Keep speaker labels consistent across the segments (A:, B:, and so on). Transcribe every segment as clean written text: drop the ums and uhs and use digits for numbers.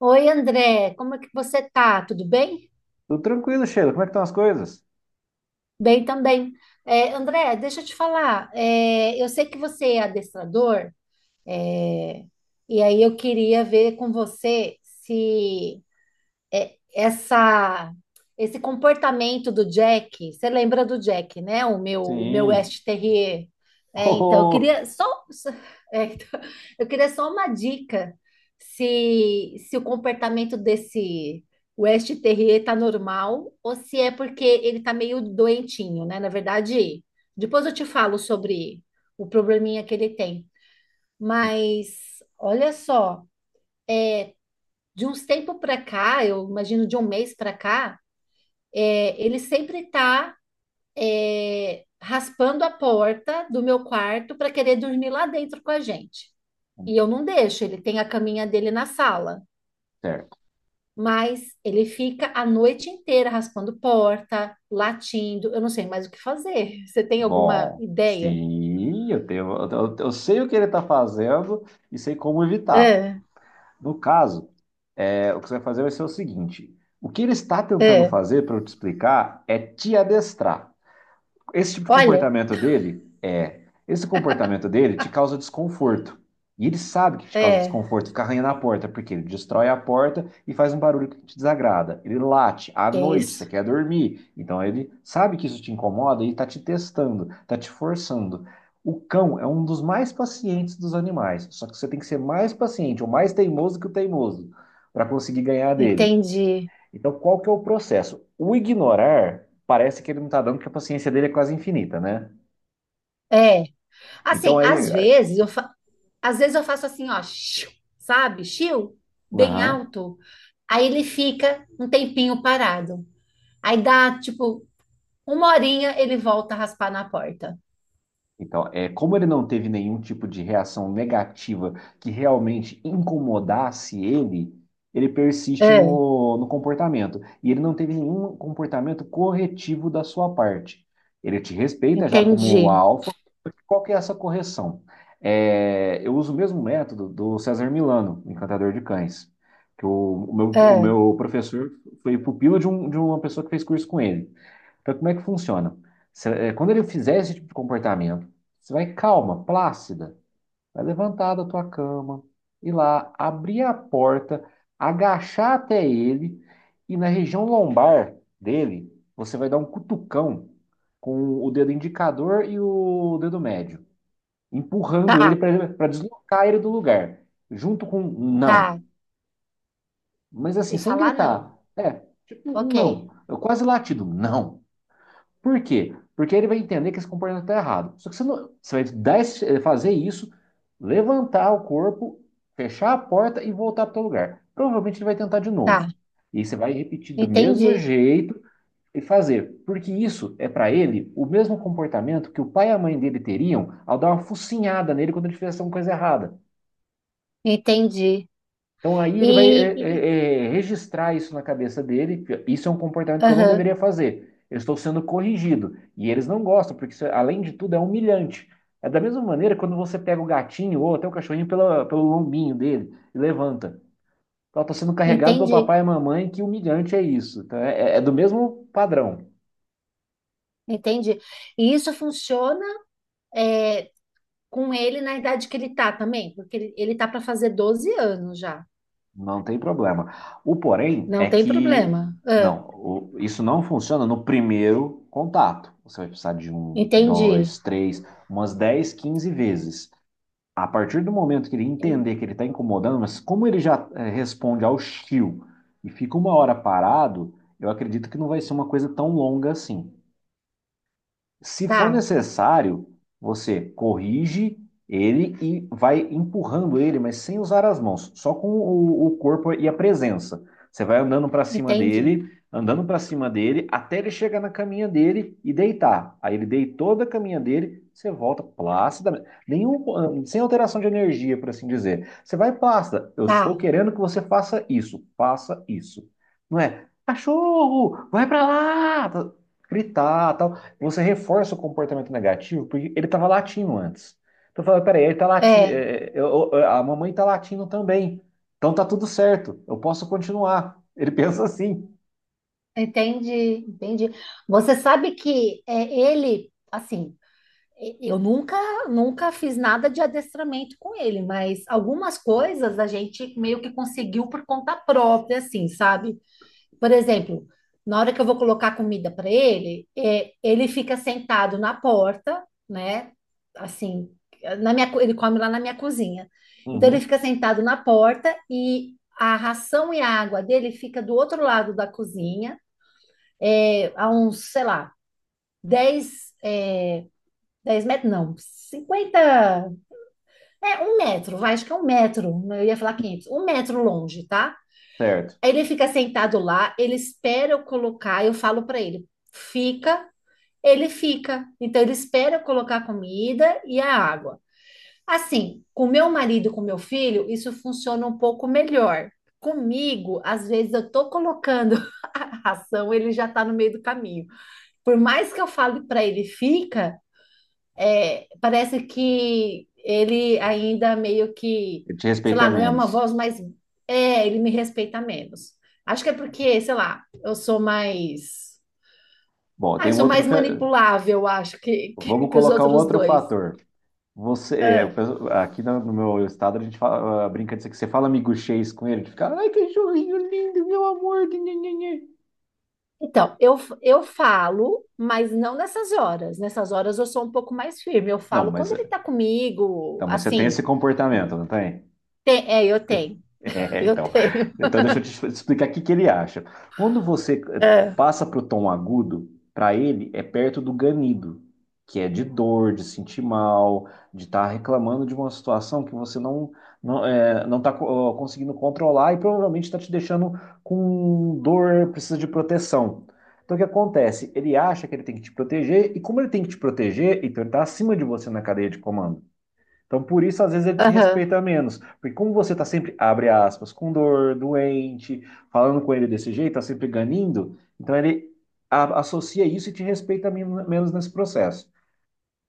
A: Oi, André, como é que você tá? Tudo bem?
B: Tudo tranquilo, Sheila. Como é que estão as coisas?
A: Bem também. É, André, deixa eu te falar. Eu sei que você é adestrador, é, e aí eu queria ver com você se essa esse comportamento do Jack, você lembra do Jack, né? O meu
B: Sim.
A: West Terrier.
B: Oh,
A: Né? Então, eu
B: oh.
A: queria só- então, eu queria só uma dica se o comportamento desse West Terrier tá normal ou se é porque ele tá meio doentinho, né? Na verdade, depois eu te falo sobre o probleminha que ele tem. Mas olha só, de uns tempos para cá, eu imagino de um mês para cá, ele sempre tá raspando a porta do meu quarto para querer dormir lá dentro com a gente. E eu não deixo, ele tem a caminha dele na sala.
B: Certo.
A: Mas ele fica a noite inteira raspando porta, latindo. Eu não sei mais o que fazer. Você tem alguma
B: Bom,
A: ideia?
B: sim, eu tenho, eu sei o que ele está fazendo e sei como evitar.
A: É,
B: No caso, o que você vai fazer vai ser o seguinte: o que ele está tentando
A: é.
B: fazer, para eu te explicar, é te adestrar. Esse tipo de
A: Olha,
B: comportamento dele é. Esse comportamento dele te causa desconforto. E ele sabe que te causa
A: é,
B: desconforto ficar arranhando a porta, porque ele destrói a porta e faz um barulho que te desagrada. Ele late à
A: é
B: noite, você
A: isso.
B: quer dormir. Então ele sabe que isso te incomoda e está te testando, está te forçando. O cão é um dos mais pacientes dos animais, só que você tem que ser mais paciente ou mais teimoso que o teimoso para conseguir ganhar dele.
A: Entendi.
B: Então, qual que é o processo? O ignorar parece que ele não está dando, porque a paciência dele é quase infinita, né?
A: É,
B: Então
A: assim,
B: aí.
A: às vezes eu faço assim, ó, shiu, sabe? Chiu, bem
B: Aham.
A: alto. Aí ele fica um tempinho parado. Aí dá, tipo, uma horinha, ele volta a raspar na porta.
B: Então, como ele não teve nenhum tipo de reação negativa que realmente incomodasse ele, ele persiste
A: É,
B: no comportamento. E ele não teve nenhum comportamento corretivo da sua parte. Ele te respeita já como
A: entendi.
B: a alfa, porque qual que é essa correção? É, eu uso o mesmo método do César Milano, Encantador de Cães, que o, o meu, o
A: É,
B: meu professor foi pupilo de uma pessoa que fez curso com ele. Então, como é que funciona? Quando ele fizer esse tipo de comportamento, você vai calma, plácida, vai levantar da tua cama, ir lá, abrir a porta, agachar até ele e na região lombar dele, você vai dar um cutucão com o dedo indicador e o dedo médio, empurrando ele
A: tá,
B: para deslocar ele do lugar, junto com um não,
A: tá.
B: mas
A: E
B: assim, sem
A: falar não.
B: gritar. Tipo um
A: Ok,
B: não, eu quase latido, não. Por quê? Porque ele vai entender que esse comportamento está errado. Só que você, não, você vai dar fazer isso, levantar o corpo, fechar a porta e voltar para o lugar. Provavelmente ele vai tentar de novo.
A: tá.
B: E você vai repetir do mesmo
A: Entendi,
B: jeito e fazer. Porque isso é para ele o mesmo comportamento que o pai e a mãe dele teriam ao dar uma focinhada nele quando ele fizesse alguma coisa errada.
A: entendi.
B: Então aí ele vai
A: E, e-
B: registrar isso na cabeça dele. Isso é um comportamento que eu não
A: aham,
B: deveria fazer. Eu estou sendo corrigido. E eles não gostam, porque isso, além de tudo, é humilhante. É da mesma maneira quando você pega o gatinho ou até o cachorrinho pela, pelo lombinho dele e levanta. Então, está sendo carregado pelo
A: entendi,
B: papai e mamãe, que humilhante é isso. Então, é, é é do mesmo padrão.
A: entendi. E isso funciona é, com ele na idade que ele tá também, porque ele tá para fazer 12 anos já.
B: Não tem problema. O porém é
A: Não tem
B: que
A: problema. Ah,
B: isso não funciona no primeiro contato. Você vai precisar de um,
A: entendi.
B: dois, três, umas 10, 15 vezes. A partir do momento que ele entender que ele está incomodando, mas como ele já responde ao chiu e fica uma hora parado, eu acredito que não vai ser uma coisa tão longa assim. Se for
A: Tá,
B: necessário, você corrige ele e vai empurrando ele, mas sem usar as mãos, só com o corpo e a presença. Você vai andando para cima
A: entendi.
B: dele, andando para cima dele, até ele chegar na caminha dele e deitar. Aí ele deitou da caminha dele, você volta plácidamente, nenhum, sem alteração de energia, por assim dizer. Você vai plácida. Eu estou
A: Tá,
B: querendo que você faça isso, faça isso. Não é, cachorro, vai para lá, tá, gritar, tal você reforça o comportamento negativo porque ele estava latindo antes. Então eu falei, peraí, ele tá latindo,
A: é,
B: a mamãe tá latindo também. Então tá tudo certo, eu posso continuar. Ele pensa assim.
A: entendi, entendi. Você sabe que ele, assim, eu nunca, fiz nada de adestramento com ele, mas algumas coisas a gente meio que conseguiu por conta própria, assim, sabe? Por exemplo, na hora que eu vou colocar comida para ele, ele fica sentado na porta, né? Assim, ele come lá na minha cozinha. Então ele
B: Uhum,
A: fica sentado na porta e a ração e a água dele fica do outro lado da cozinha, a uns, sei lá, 10, 10 metros, não, 50? É um metro, vai, acho que é um metro, eu ia falar 500, um metro longe, tá?
B: certo.
A: Aí ele fica sentado lá, ele espera eu colocar, eu falo para ele, fica, ele fica. Então ele espera eu colocar a comida e a água. Assim, com meu marido, com meu filho, isso funciona um pouco melhor. Comigo, às vezes eu tô colocando a ração, ele já tá no meio do caminho. Por mais que eu fale para ele fica, parece que ele ainda meio que,
B: Ele te
A: sei
B: respeita
A: lá, não é uma
B: menos.
A: voz mais. É, ele me respeita menos. Acho que é porque, sei lá, eu sou mais.
B: Bom,
A: Ah,
B: tem
A: eu
B: um
A: sou
B: outro.
A: mais manipulável, acho, que,
B: Vamos
A: que os
B: colocar um
A: outros
B: outro
A: dois.
B: fator. Você,
A: Ah,
B: aqui no meu estado a gente fala, ah, brinca disso que você fala miguxês com ele, de ficar ai, cachorrinho lindo, meu amor. Nhe, nhe, nhe."
A: então, eu falo, mas não nessas horas. Nessas horas eu sou um pouco mais firme. Eu
B: Não,
A: falo
B: mas,
A: quando ele tá comigo,
B: não, mas você tem esse
A: assim.
B: comportamento, não tem?
A: Tem, é, eu tenho.
B: É,
A: Eu
B: então.
A: tenho.
B: Então, deixa eu te explicar o que que ele acha. Quando você
A: Ah,
B: passa para o tom agudo, para ele é perto do ganido, que é de dor, de sentir mal, de estar reclamando de uma situação que você não está conseguindo controlar e provavelmente está te deixando com dor, precisa de proteção. Então, o que acontece? Ele acha que ele tem que te proteger, e como ele tem que te proteger, então ele está acima de você na cadeia de comando. Então, por isso, às vezes, ele te
A: aham,
B: respeita menos. Porque como você tá sempre, abre aspas, com dor, doente, falando com ele desse jeito, tá sempre ganindo, então ele associa isso e te respeita menos nesse processo.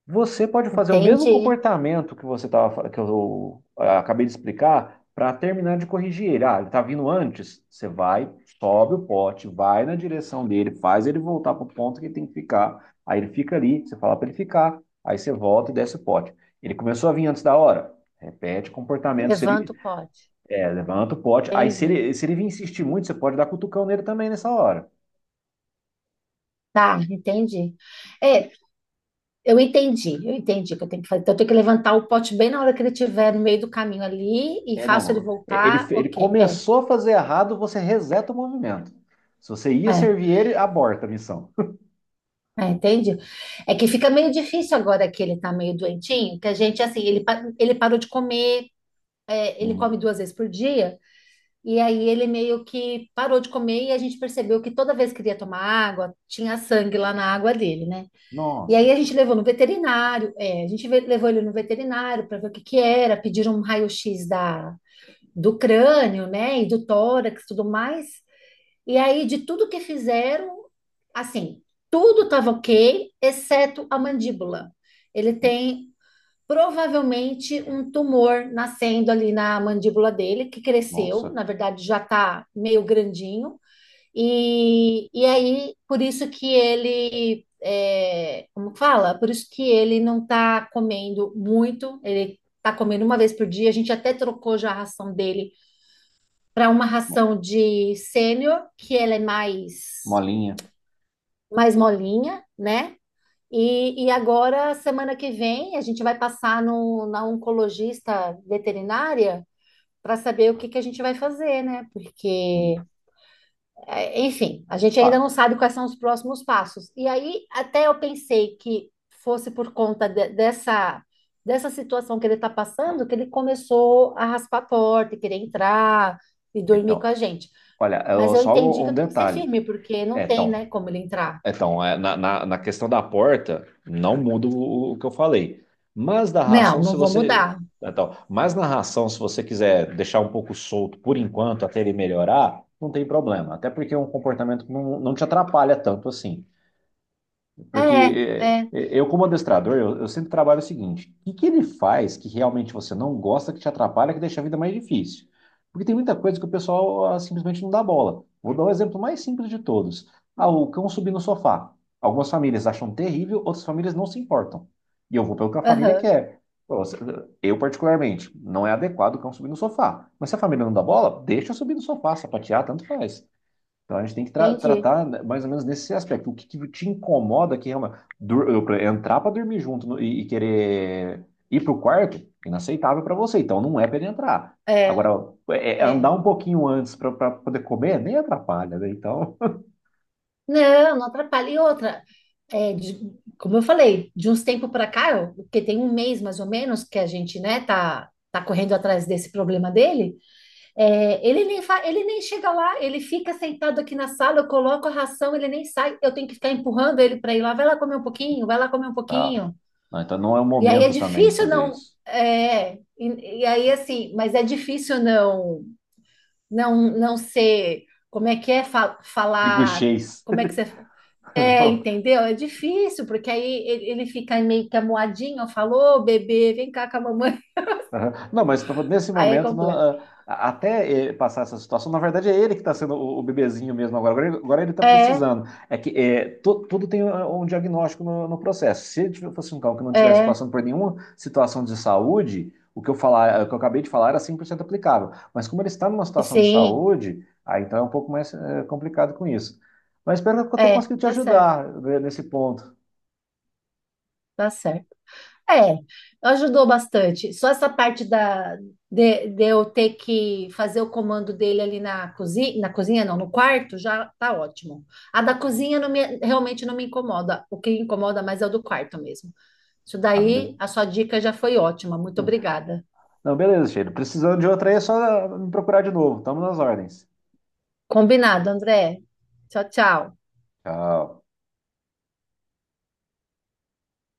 B: Você pode fazer o mesmo
A: entendi.
B: comportamento que você tava, que eu acabei de explicar para terminar de corrigir ele. Ah, ele está vindo antes. Você vai, sobe o pote, vai na direção dele, faz ele voltar para o ponto que ele tem que ficar. Aí ele fica ali, você fala para ele ficar. Aí você volta e desce o pote. Ele começou a vir antes da hora. Repete o comportamento. Se
A: Levanto,
B: ele,
A: pode.
B: levanta o pote. Aí se
A: Entendi.
B: ele, se ele vir insistir muito, você pode dar cutucão nele também nessa hora.
A: Tá, entendi. É, eu entendi o que eu tenho que fazer. Então, eu tenho que levantar o pote bem na hora que ele estiver no meio do caminho ali e
B: É,
A: faço ele
B: não, é, ele,
A: voltar.
B: ele
A: Ok,
B: começou a fazer errado, você reseta o movimento. Se você ia
A: é,
B: servir ele, aborta a missão.
A: entendi. É que fica meio difícil agora que ele tá meio doentinho, que a gente, assim, ele parou de comer, ele
B: Hum.
A: come duas vezes por dia, e aí ele meio que parou de comer e a gente percebeu que toda vez que ele ia tomar água, tinha sangue lá na água dele, né? E aí
B: Nossa.
A: a gente levou no veterinário, a gente levou ele no veterinário para ver o que que era, pediram um raio-x do crânio, né, e do tórax, tudo mais. E aí de tudo que fizeram, assim, tudo estava ok, exceto a mandíbula. Ele
B: Hum.
A: tem provavelmente um tumor nascendo ali na mandíbula dele, que cresceu,
B: Nossa.
A: na verdade já está meio grandinho. E aí, por isso que ele, como fala? Por isso que ele não está comendo muito, ele está comendo uma vez por dia. A gente até trocou já a ração dele para uma
B: mo-
A: ração de sênior, que ela é
B: Molinha.
A: mais molinha, né? E agora, semana que vem, a gente vai passar no, na oncologista veterinária para saber o que que a gente vai fazer, né?
B: Hum.
A: Porque é, enfim, a gente ainda
B: Ah,
A: não sabe quais são os próximos passos. E aí, até eu pensei que fosse dessa, situação que ele está passando, que ele começou a raspar a porta, e querer entrar e dormir com
B: então,
A: a gente.
B: olha,
A: Mas eu
B: só
A: entendi
B: um
A: que
B: um
A: eu tenho que ser
B: detalhe.
A: firme, porque
B: É,
A: não tem,
B: então,
A: né, como ele entrar.
B: é, então é, na questão da porta, não muda o que eu falei. Mas da
A: Não,
B: ração,
A: não
B: se
A: vou
B: você.
A: mudar.
B: Então, mas na ração, se você quiser deixar um pouco solto por enquanto, até ele melhorar, não tem problema. Até porque é um comportamento que não, não te atrapalha tanto assim.
A: É,
B: Porque
A: é,
B: eu, como adestrador, eu sempre trabalho o seguinte: o que ele faz que realmente você não gosta, que te atrapalha, que deixa a vida mais difícil? Porque tem muita coisa que o pessoal simplesmente não dá bola. Vou dar o exemplo mais simples de todos: o cão subir no sofá. Algumas famílias acham terrível, outras famílias não se importam. E eu vou pelo que a família
A: aham,
B: quer. Pô, eu, particularmente, não é adequado o cão subir no sofá. Mas se a família não dá bola, deixa eu subir no sofá, sapatear, tanto faz. Então a gente tem que
A: entendi.
B: tratar né, mais ou menos nesse aspecto. O que te incomoda que realmente entrar para dormir junto e querer ir para o quarto, inaceitável para você. Então não é para ele entrar.
A: É,
B: Agora, andar
A: é.
B: um pouquinho antes para poder comer nem atrapalha, né? Então,
A: Não, não atrapalha. E outra, como eu falei, de uns tempos para cá, porque tem um mês mais ou menos que a gente, né, tá, tá correndo atrás desse problema dele, ele nem fa- ele nem chega lá, ele fica sentado aqui na sala, eu coloco a ração, ele nem sai, eu tenho que ficar empurrando ele para ir lá, vai lá comer um pouquinho, vai lá comer um
B: tá.
A: pouquinho.
B: Não, então não é o
A: E aí é
B: momento também de
A: difícil
B: fazer
A: não,
B: isso.
A: e aí assim, mas é difícil não ser, como é que é
B: Digo
A: falar, como é que você é, entendeu? É difícil, porque aí ele fica meio que amuadinho, falou, bebê, vem cá com a mamãe.
B: Aham. Não, mas nesse
A: Aí é
B: momento, não,
A: completo.
B: até passar essa situação, na verdade é ele que está sendo o bebezinho mesmo agora. Agora ele está
A: É,
B: precisando. É que tudo tem um diagnóstico no processo. Se ele fosse um cão que não estivesse
A: é,
B: passando por nenhuma situação de saúde, o que eu falar, o que eu acabei de falar era 100% aplicável. Mas como ele está numa situação de
A: sim,
B: saúde, aí então é um pouco mais complicado com isso. Mas espero que eu tenha conseguido te
A: tá certo,
B: ajudar né, nesse ponto.
A: tá certo. É, ajudou bastante. Só essa parte de, eu ter que fazer o comando dele ali na cozinha não, no quarto, já tá ótimo. A da cozinha realmente não me incomoda. O que incomoda mais é o do quarto mesmo. Isso
B: Ah,
A: daí,
B: be-
A: a sua dica já foi ótima. Muito obrigada.
B: Não, beleza, Cheiro. Precisando de outra aí, é só me procurar de novo. Estamos nas ordens.
A: Combinado, André. Tchau, tchau.
B: Tchau.